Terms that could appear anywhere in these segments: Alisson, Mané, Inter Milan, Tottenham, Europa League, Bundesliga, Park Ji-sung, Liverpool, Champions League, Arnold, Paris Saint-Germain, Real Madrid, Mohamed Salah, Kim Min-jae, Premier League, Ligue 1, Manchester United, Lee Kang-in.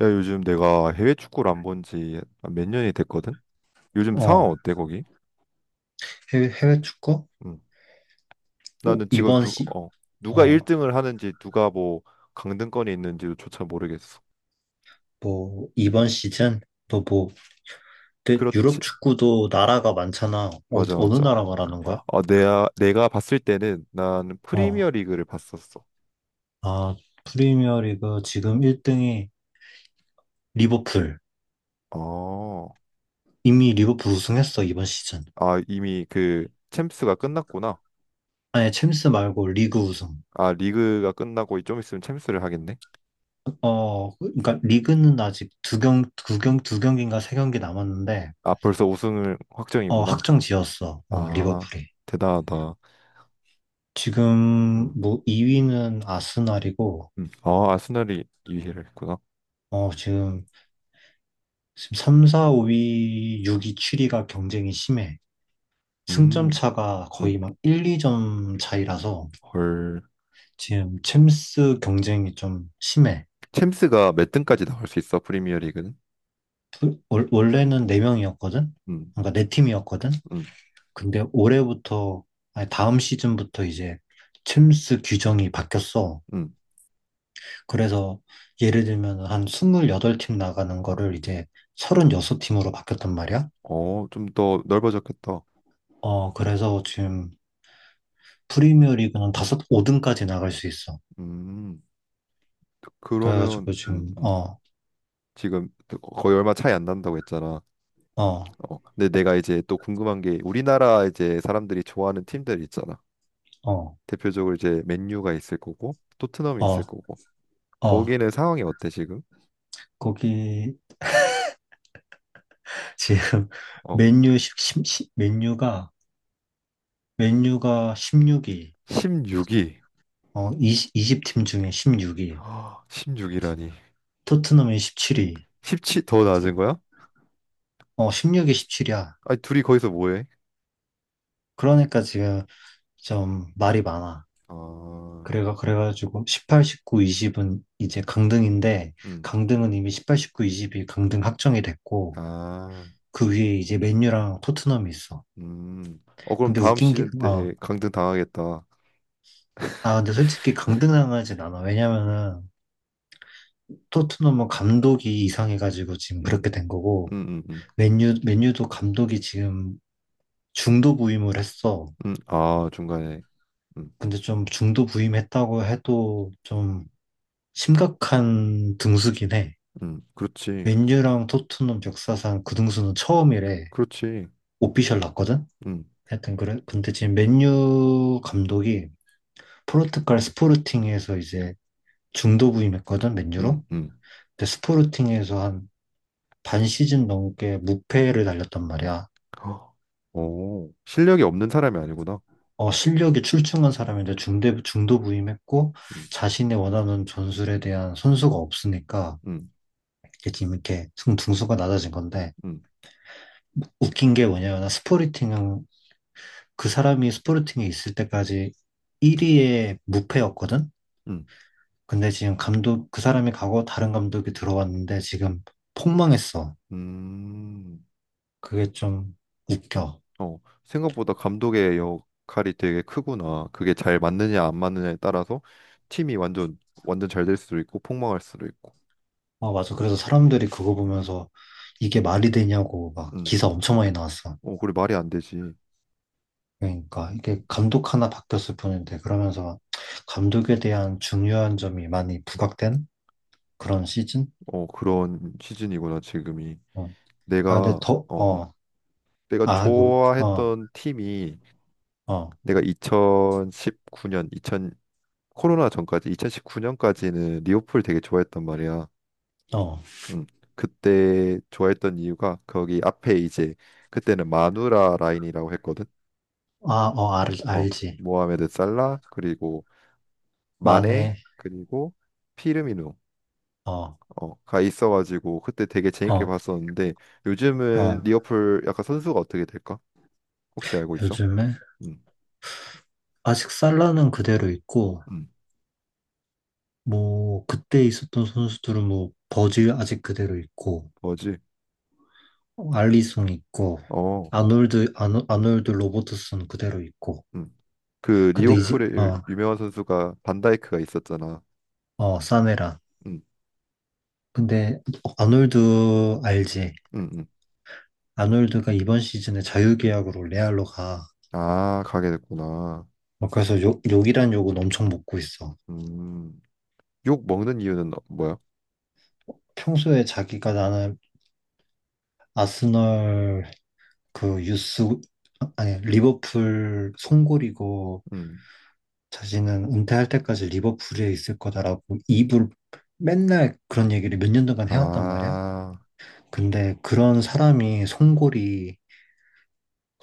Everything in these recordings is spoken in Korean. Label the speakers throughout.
Speaker 1: 야, 요즘 내가 해외 축구를 안 본지 몇 년이 됐거든? 요즘 상황
Speaker 2: 어,
Speaker 1: 어때, 거기?
Speaker 2: 해외 축구?
Speaker 1: 음.
Speaker 2: 오,
Speaker 1: 나는 지금 누가
Speaker 2: 어,
Speaker 1: 1등을 하는지, 누가 뭐 강등권에 있는지조차 모르겠어.
Speaker 2: 뭐, 이번 시즌? 또 뭐, 근데 유럽
Speaker 1: 그렇지.
Speaker 2: 축구도 나라가 많잖아. 어,
Speaker 1: 맞아,
Speaker 2: 어느
Speaker 1: 맞아.
Speaker 2: 나라 말하는 거야?
Speaker 1: 어, 내가 봤을 때는 난 프리미어
Speaker 2: 어,
Speaker 1: 리그를 봤었어.
Speaker 2: 아, 프리미어 리그 지금
Speaker 1: 음.
Speaker 2: 1등이 리버풀.
Speaker 1: 어,
Speaker 2: 이미 리버풀 우승했어, 이번 시즌.
Speaker 1: 아, 아, 이미 그 챔스가 끝났구나.
Speaker 2: 아니, 챔스 말고 리그 우승.
Speaker 1: 아, 리그가 끝나고 좀 있으면 챔스를 하겠네.
Speaker 2: 어, 그러니까 리그는 아직 두 경기인가 세 경기 남았는데,
Speaker 1: 아, 벌써 우승을
Speaker 2: 어,
Speaker 1: 확정이구나.
Speaker 2: 확정 지었어, 어,
Speaker 1: 아,
Speaker 2: 리버풀이.
Speaker 1: 대단하다.
Speaker 2: 지금
Speaker 1: 응.
Speaker 2: 뭐 2위는 아스날이고,
Speaker 1: 음. 아, 아스날이 2위를 했구나.
Speaker 2: 어, 지금 3, 4, 5위, 6위, 7위가 경쟁이 심해. 승점
Speaker 1: 음,
Speaker 2: 차가
Speaker 1: 음,
Speaker 2: 거의 막 1, 2점 차이라서
Speaker 1: 헐.
Speaker 2: 지금 챔스 경쟁이 좀 심해.
Speaker 1: 챔스가 몇 등까지 나올 수 있어, 프리미어 리그는?
Speaker 2: 원래는 4명이었거든?
Speaker 1: 음,
Speaker 2: 그러니까 네 팀이었거든?
Speaker 1: 음,
Speaker 2: 근데 올해부터, 아니 다음 시즌부터 이제 챔스 규정이 바뀌었어.
Speaker 1: 음.
Speaker 2: 그래서 예를 들면 한 28팀 나가는 거를 이제 36팀으로 바뀌었단 말이야.
Speaker 1: 어, 좀 더 넓어졌겠다.
Speaker 2: 어, 그래서 지금 프리미어 리그는 다섯 5등까지 나갈 수 있어.
Speaker 1: 음, 그러면,
Speaker 2: 그래가지고 지금 어,
Speaker 1: 지금 거의 얼마 차이 안 난다고 했잖아.
Speaker 2: 어,
Speaker 1: 어, 근데 내가 이제 또 궁금한 게 우리나라 이제 사람들이 좋아하는 팀들 있잖아.
Speaker 2: 어,
Speaker 1: 대표적으로 이제 맨유가 있을 거고, 토트넘이 있을
Speaker 2: 어,
Speaker 1: 거고.
Speaker 2: 어,
Speaker 1: 거기는 상황이 어때, 지금?
Speaker 2: 거기 지금
Speaker 1: 어,
Speaker 2: 맨유 십 십 십- 맨유가 맨유가 16위,
Speaker 1: 16위.
Speaker 2: 어, 20, 2팀 중에 16위,
Speaker 1: 1 6위라니
Speaker 2: 토트넘이 17위,
Speaker 1: 17, 더 낮은 거야?
Speaker 2: 어, 16위, 17위야.
Speaker 1: 아니, 둘이 거기서 뭐 해?
Speaker 2: 그러니까 지금 좀 말이 많아.
Speaker 1: 아,
Speaker 2: 그래가지고 18, 19, 20은 이제 강등인데
Speaker 1: 음,
Speaker 2: 강등은 이미 18, 19, 20이 강등 확정이 됐고
Speaker 1: 아,
Speaker 2: 그 위에 이제 맨유랑 토트넘이 있어.
Speaker 1: 어, 그럼
Speaker 2: 근데
Speaker 1: 다음
Speaker 2: 웃긴 게,
Speaker 1: 시즌
Speaker 2: 어,
Speaker 1: 때 강등 당하겠다.
Speaker 2: 아, 근데 솔직히 강등당하진 않아. 왜냐면은 토트넘은 감독이 이상해가지고 지금 그렇게
Speaker 1: 음,
Speaker 2: 된 거고,
Speaker 1: 음, 음, 음.
Speaker 2: 맨유도 감독이 지금 중도 부임을 했어.
Speaker 1: 아, 중간에. 음,
Speaker 2: 근데 좀 중도 부임했다고 해도 좀 심각한 등수긴 해.
Speaker 1: 그렇지.
Speaker 2: 맨유랑 토트넘 역사상 그 등수는 처음이래.
Speaker 1: 그렇지.
Speaker 2: 오피셜 났거든?
Speaker 1: 음,
Speaker 2: 하여튼 그래. 근데 지금 맨유 감독이 포르투갈 스포르팅에서 이제 중도 부임했거든,
Speaker 1: 음,
Speaker 2: 맨유로.
Speaker 1: 음.
Speaker 2: 근데 스포르팅에서 한 반 시즌 넘게 무패를 달렸단 말이야.
Speaker 1: 허, 오, 실력이 없는 사람이 아니구나.
Speaker 2: 어, 실력이 출중한 사람인데 중도 부임했고,
Speaker 1: 음,
Speaker 2: 자신이 원하는 전술에 대한 선수가 없으니까,
Speaker 1: 음,
Speaker 2: 이게 지금 이렇게 등수가 낮아진 건데,
Speaker 1: 음,
Speaker 2: 웃긴 게 뭐냐면, 스포르팅은 그 사람이 스포르팅에 있을 때까지 1위의 무패였거든?
Speaker 1: 음.
Speaker 2: 근데 지금 감독, 그 사람이 가고 다른 감독이 들어왔는데 지금 폭망했어.
Speaker 1: 음.
Speaker 2: 그게 좀 웃겨.
Speaker 1: 어, 생각보다 감독의 역할이 되게 크구나. 그게 잘 맞느냐 안 맞느냐에 따라서 팀이 완전 완전 잘 될 수도 있고 폭망할 수도 있고.
Speaker 2: 아, 맞아. 그래서 사람들이 그거 보면서 이게 말이 되냐고 막
Speaker 1: 음.
Speaker 2: 기사 엄청 많이 나왔어.
Speaker 1: 어, 그래 말이 안 되지.
Speaker 2: 그러니까 이게 감독 하나 바뀌었을 뿐인데
Speaker 1: 음.
Speaker 2: 그러면서 감독에 대한 중요한 점이 많이 부각된 그런 시즌?
Speaker 1: 어, 그런 시즌이구나 지금이.
Speaker 2: 어. 아, 근데
Speaker 1: 내가
Speaker 2: 더,
Speaker 1: 어, 어,
Speaker 2: 어,
Speaker 1: 내가
Speaker 2: 아, 이거, 어,
Speaker 1: 좋아했던 팀이
Speaker 2: 어,
Speaker 1: 내가 2019년 2 0 코로나 전까지 2019년까지는 리오풀 되게 좋아했단 말이야.
Speaker 2: 어,
Speaker 1: 음. 그때 좋아했던 이유가 거기 앞에 이제 그때는 마누라 라인이라고 했거든.
Speaker 2: 아, 어, 알,
Speaker 1: 어,
Speaker 2: 알지.
Speaker 1: 모하메드 살라 그리고 마네
Speaker 2: 만에,
Speaker 1: 그리고 피르미누어가
Speaker 2: 어,
Speaker 1: 있어가지고 그때 되게 재밌게
Speaker 2: 어,
Speaker 1: 봤었는데 요즘은
Speaker 2: 어,
Speaker 1: 리버풀 약간 선수가 어떻게 될까? 혹시 알고 있어?
Speaker 2: 요즘에
Speaker 1: 음,
Speaker 2: 아직 살라는 그대로 있고,
Speaker 1: 음,
Speaker 2: 뭐, 그때 있었던 선수들은 뭐, 버즈 아직 그대로 있고,
Speaker 1: 뭐지?
Speaker 2: 알리송 있고
Speaker 1: 어,
Speaker 2: 아놀드 로버트슨 그대로 있고
Speaker 1: 음, 그
Speaker 2: 근데 이제
Speaker 1: 리버풀의 유-
Speaker 2: 그,
Speaker 1: 유명한 선수가 반다이크가 있었잖아.
Speaker 2: 어어 사메란
Speaker 1: 음,
Speaker 2: 근데 어, 아놀드 알지?
Speaker 1: 음, 음.
Speaker 2: 아놀드가 이번 시즌에 자유계약으로 레알로 가.
Speaker 1: 아, 가게 됐구나.
Speaker 2: 어, 그래서 욕이란 욕은 엄청 먹고 있어.
Speaker 1: 음, 욕 먹는 이유는 뭐야?
Speaker 2: 평소에 자기가 나는 아스널 그 유스 아, 아니 리버풀 송골이고
Speaker 1: 음,
Speaker 2: 자신은 은퇴할 때까지 리버풀에 있을 거다라고 입을 맨날 그런 얘기를 몇 년 동안 해왔단 말이야.
Speaker 1: 아,
Speaker 2: 근데 그런 사람이 송골이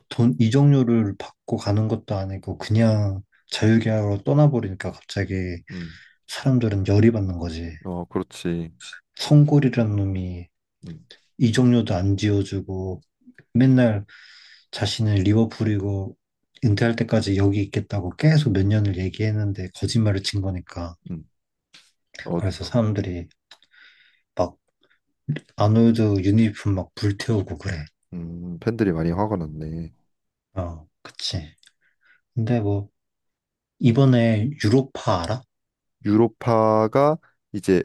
Speaker 2: 돈 이적료를 받고 가는 것도 아니고 그냥 자유계약으로 떠나버리니까 갑자기
Speaker 1: 음,
Speaker 2: 사람들은 열이 받는 거지.
Speaker 1: 어, 그렇지.
Speaker 2: 송골이라는 놈이
Speaker 1: 음,
Speaker 2: 이적료도 안 지어주고 맨날 자신은 리버풀이고 은퇴할 때까지 여기 있겠다고 계속 몇 년을 얘기했는데 거짓말을 친 거니까.
Speaker 1: 음. 어,
Speaker 2: 그래서 사람들이 막 아놀드 유니폼 막 불태우고 그래.
Speaker 1: 팬들이 많이 화가 났네.
Speaker 2: 어, 그치. 근데 뭐 이번에 유로파 알아?
Speaker 1: 유로파가 이제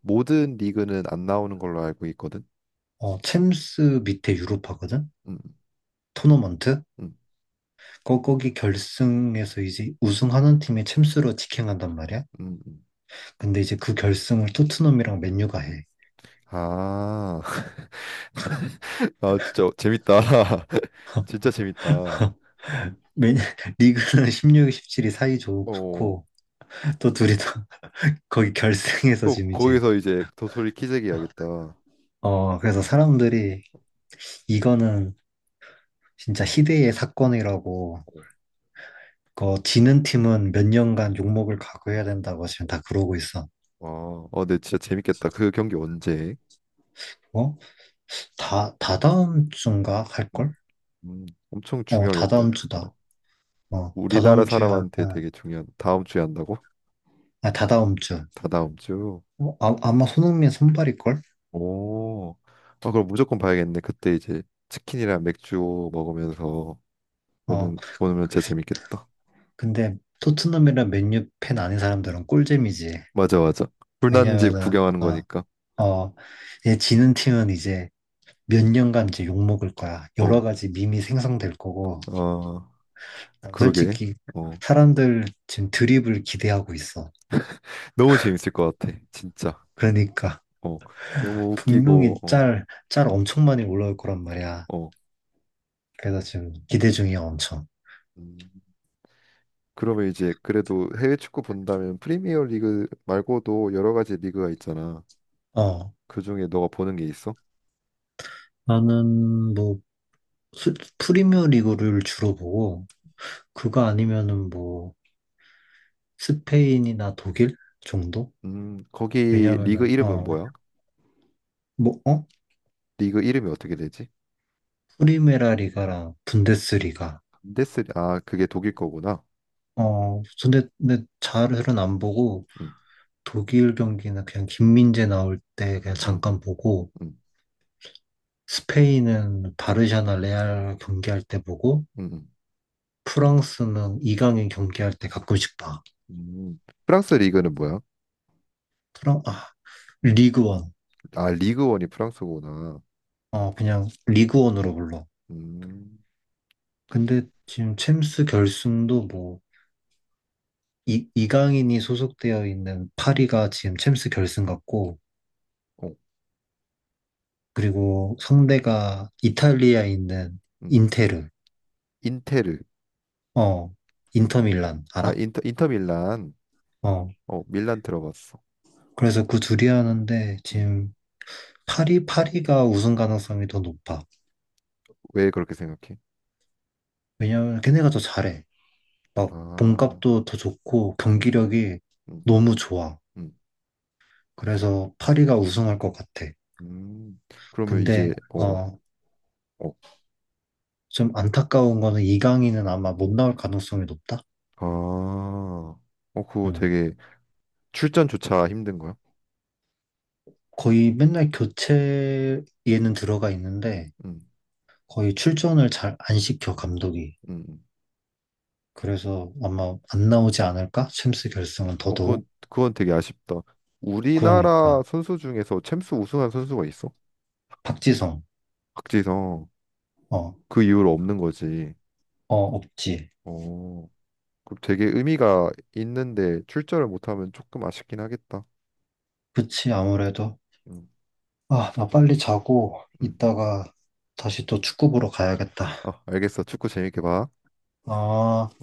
Speaker 1: 모든 리그는 안 나오는 걸로 알고 있거든.
Speaker 2: 어, 챔스 밑에 유로파거든?
Speaker 1: 음,
Speaker 2: 토너먼트?
Speaker 1: 음,
Speaker 2: 거기 결승에서 이제 우승하는 팀이 챔스로 직행한단 말이야.
Speaker 1: 음.
Speaker 2: 근데 이제 그 결승을 토트넘이랑 맨유가 해.
Speaker 1: 아, 아 진짜 재밌다. 진짜 재밌다. 어,
Speaker 2: 맨, 리그는 16, 17이 사이 좋고, 또 둘이 다 거기 결승에서
Speaker 1: 또
Speaker 2: 지금 이제,
Speaker 1: 거기서 이제 도토리 키재기 해야겠다.
Speaker 2: 어, 그래서 사람들이 이거는 진짜 희대의 사건이라고, 그 지는 팀은 몇 년간 욕먹을 각오해야 된다고 지금 다 그러고 있어.
Speaker 1: 와, 어, 네, 진짜 재밌겠다. 그 경기 언제?
Speaker 2: 어? 다다음 주인가
Speaker 1: 음,
Speaker 2: 할걸?
Speaker 1: 엄청
Speaker 2: 어,
Speaker 1: 중요하겠다.
Speaker 2: 다다음 주다.
Speaker 1: 어,
Speaker 2: 어,
Speaker 1: 우리나라
Speaker 2: 다다음 주에 할
Speaker 1: 사람한테
Speaker 2: 거야.
Speaker 1: 되게 중요한. 다음 주에 한다고?
Speaker 2: 아, 다다음 주.
Speaker 1: 다다음 주.
Speaker 2: 어, 아, 아마 손흥민 선발일걸?
Speaker 1: 오, 아, 그럼 무조건 봐야겠네. 그때 이제 치킨이랑 맥주 먹으면서
Speaker 2: 어,
Speaker 1: 보는 보면 진짜 재밌겠다.
Speaker 2: 근데 토트넘이랑 맨유 팬 아닌 사람들은 꿀잼이지.
Speaker 1: 맞아, 맞아. 불난집
Speaker 2: 왜냐면은,
Speaker 1: 구경하는 거니까.
Speaker 2: 어, 어, 얘 지는 팀은 이제 몇 년간 이제 욕먹을 거야. 여러
Speaker 1: 어,
Speaker 2: 가지 밈이 생성될 거고.
Speaker 1: 아,
Speaker 2: 난
Speaker 1: 그러게.
Speaker 2: 솔직히
Speaker 1: 어,
Speaker 2: 사람들 지금 드립을 기대하고 있어.
Speaker 1: 너무 재밌을 것 같아. 진짜.
Speaker 2: 그러니까
Speaker 1: 어, 너무
Speaker 2: 분명히
Speaker 1: 웃기고.
Speaker 2: 짤 엄청 많이 올라올 거란 말이야.
Speaker 1: 어, 어.
Speaker 2: 그래서 지금 기대 중이야, 엄청.
Speaker 1: 음, 그러면 이제 그래도 해외 축구 본다면 프리미어 리그 말고도 여러 가지 리그가 있잖아.
Speaker 2: 어,
Speaker 1: 그중에 너가 보는 게 있어?
Speaker 2: 나는 뭐 프리미어 리그를 주로 보고 그거 아니면은 뭐 스페인이나 독일 정도?
Speaker 1: 거기 리그
Speaker 2: 왜냐면은
Speaker 1: 이름은
Speaker 2: 어뭐
Speaker 1: 뭐야?
Speaker 2: 어?
Speaker 1: 리그 이름이 어떻게 되지?
Speaker 2: 프리메라 리가랑 분데스리가
Speaker 1: 데스 아 그게 독일 거구나.
Speaker 2: 어 근데 잘은 안 보고
Speaker 1: 음,
Speaker 2: 독일 경기는 그냥 김민재 나올 때 그냥
Speaker 1: 음,
Speaker 2: 잠깐 보고
Speaker 1: 음,
Speaker 2: 스페인은 바르샤나 레알 경기할 때 보고
Speaker 1: 음, 음.
Speaker 2: 프랑스는 이강인 경기할 때 가끔씩 봐.
Speaker 1: 음. 프랑스 리그는 뭐야?
Speaker 2: 프랑 아 리그원
Speaker 1: 아 리그원이 프랑스구나.
Speaker 2: 어 그냥 리그원으로 불러.
Speaker 1: 음,
Speaker 2: 근데 지금 챔스 결승도 뭐 이강인이 소속되어 있는 파리가 지금 챔스 결승 같고
Speaker 1: 어,
Speaker 2: 그리고 상대가 이탈리아에 있는
Speaker 1: 음.
Speaker 2: 인테르
Speaker 1: 인테르
Speaker 2: 어 인터밀란
Speaker 1: 아
Speaker 2: 알아?
Speaker 1: 인터 밀란
Speaker 2: 어
Speaker 1: 어 밀란 들어봤어.
Speaker 2: 그래서 그 둘이 하는데
Speaker 1: 음.
Speaker 2: 지금 파리가 우승 가능성이 더 높아
Speaker 1: 왜 그렇게 생각해?
Speaker 2: 왜냐면 걔네가 더 잘해 막
Speaker 1: 아,
Speaker 2: 몸값도 더 좋고
Speaker 1: 음,
Speaker 2: 경기력이
Speaker 1: 음,
Speaker 2: 너무 좋아
Speaker 1: 음,
Speaker 2: 그래서 파리가 우승할 것 같아
Speaker 1: 음. 그러면
Speaker 2: 근데
Speaker 1: 이제 어,
Speaker 2: 어
Speaker 1: 어, 어.
Speaker 2: 좀 안타까운 거는 이강인은 아마 못 나올 가능성이 높다?
Speaker 1: 아, 어 그거
Speaker 2: 음.
Speaker 1: 되게 출전조차 힘든 거야?
Speaker 2: 거의 맨날 교체에는 들어가 있는데
Speaker 1: 음,
Speaker 2: 거의 출전을 잘 안 시켜, 감독이.
Speaker 1: 음, 음.
Speaker 2: 그래서 아마 안 나오지 않을까? 챔스 결승은
Speaker 1: 어, 그건,
Speaker 2: 더더욱.
Speaker 1: 그건 되게 아쉽다. 우리나라
Speaker 2: 그러니까.
Speaker 1: 선수 중에서 챔스 우승한 선수가 있어?
Speaker 2: 박지성.
Speaker 1: 박지성.
Speaker 2: 어,
Speaker 1: 그 이후로 없는 거지.
Speaker 2: 어, 없지.
Speaker 1: 어, 그 되게 의미가 있는데 출전을 못하면 조금 아쉽긴 하겠다.
Speaker 2: 그치, 아무래도.
Speaker 1: 음,
Speaker 2: 아, 나 빨리 자고
Speaker 1: 음.
Speaker 2: 이따가 다시 또 축구 보러 가야겠다.
Speaker 1: 아, 알겠어. 축구 재밌게 봐.
Speaker 2: 아.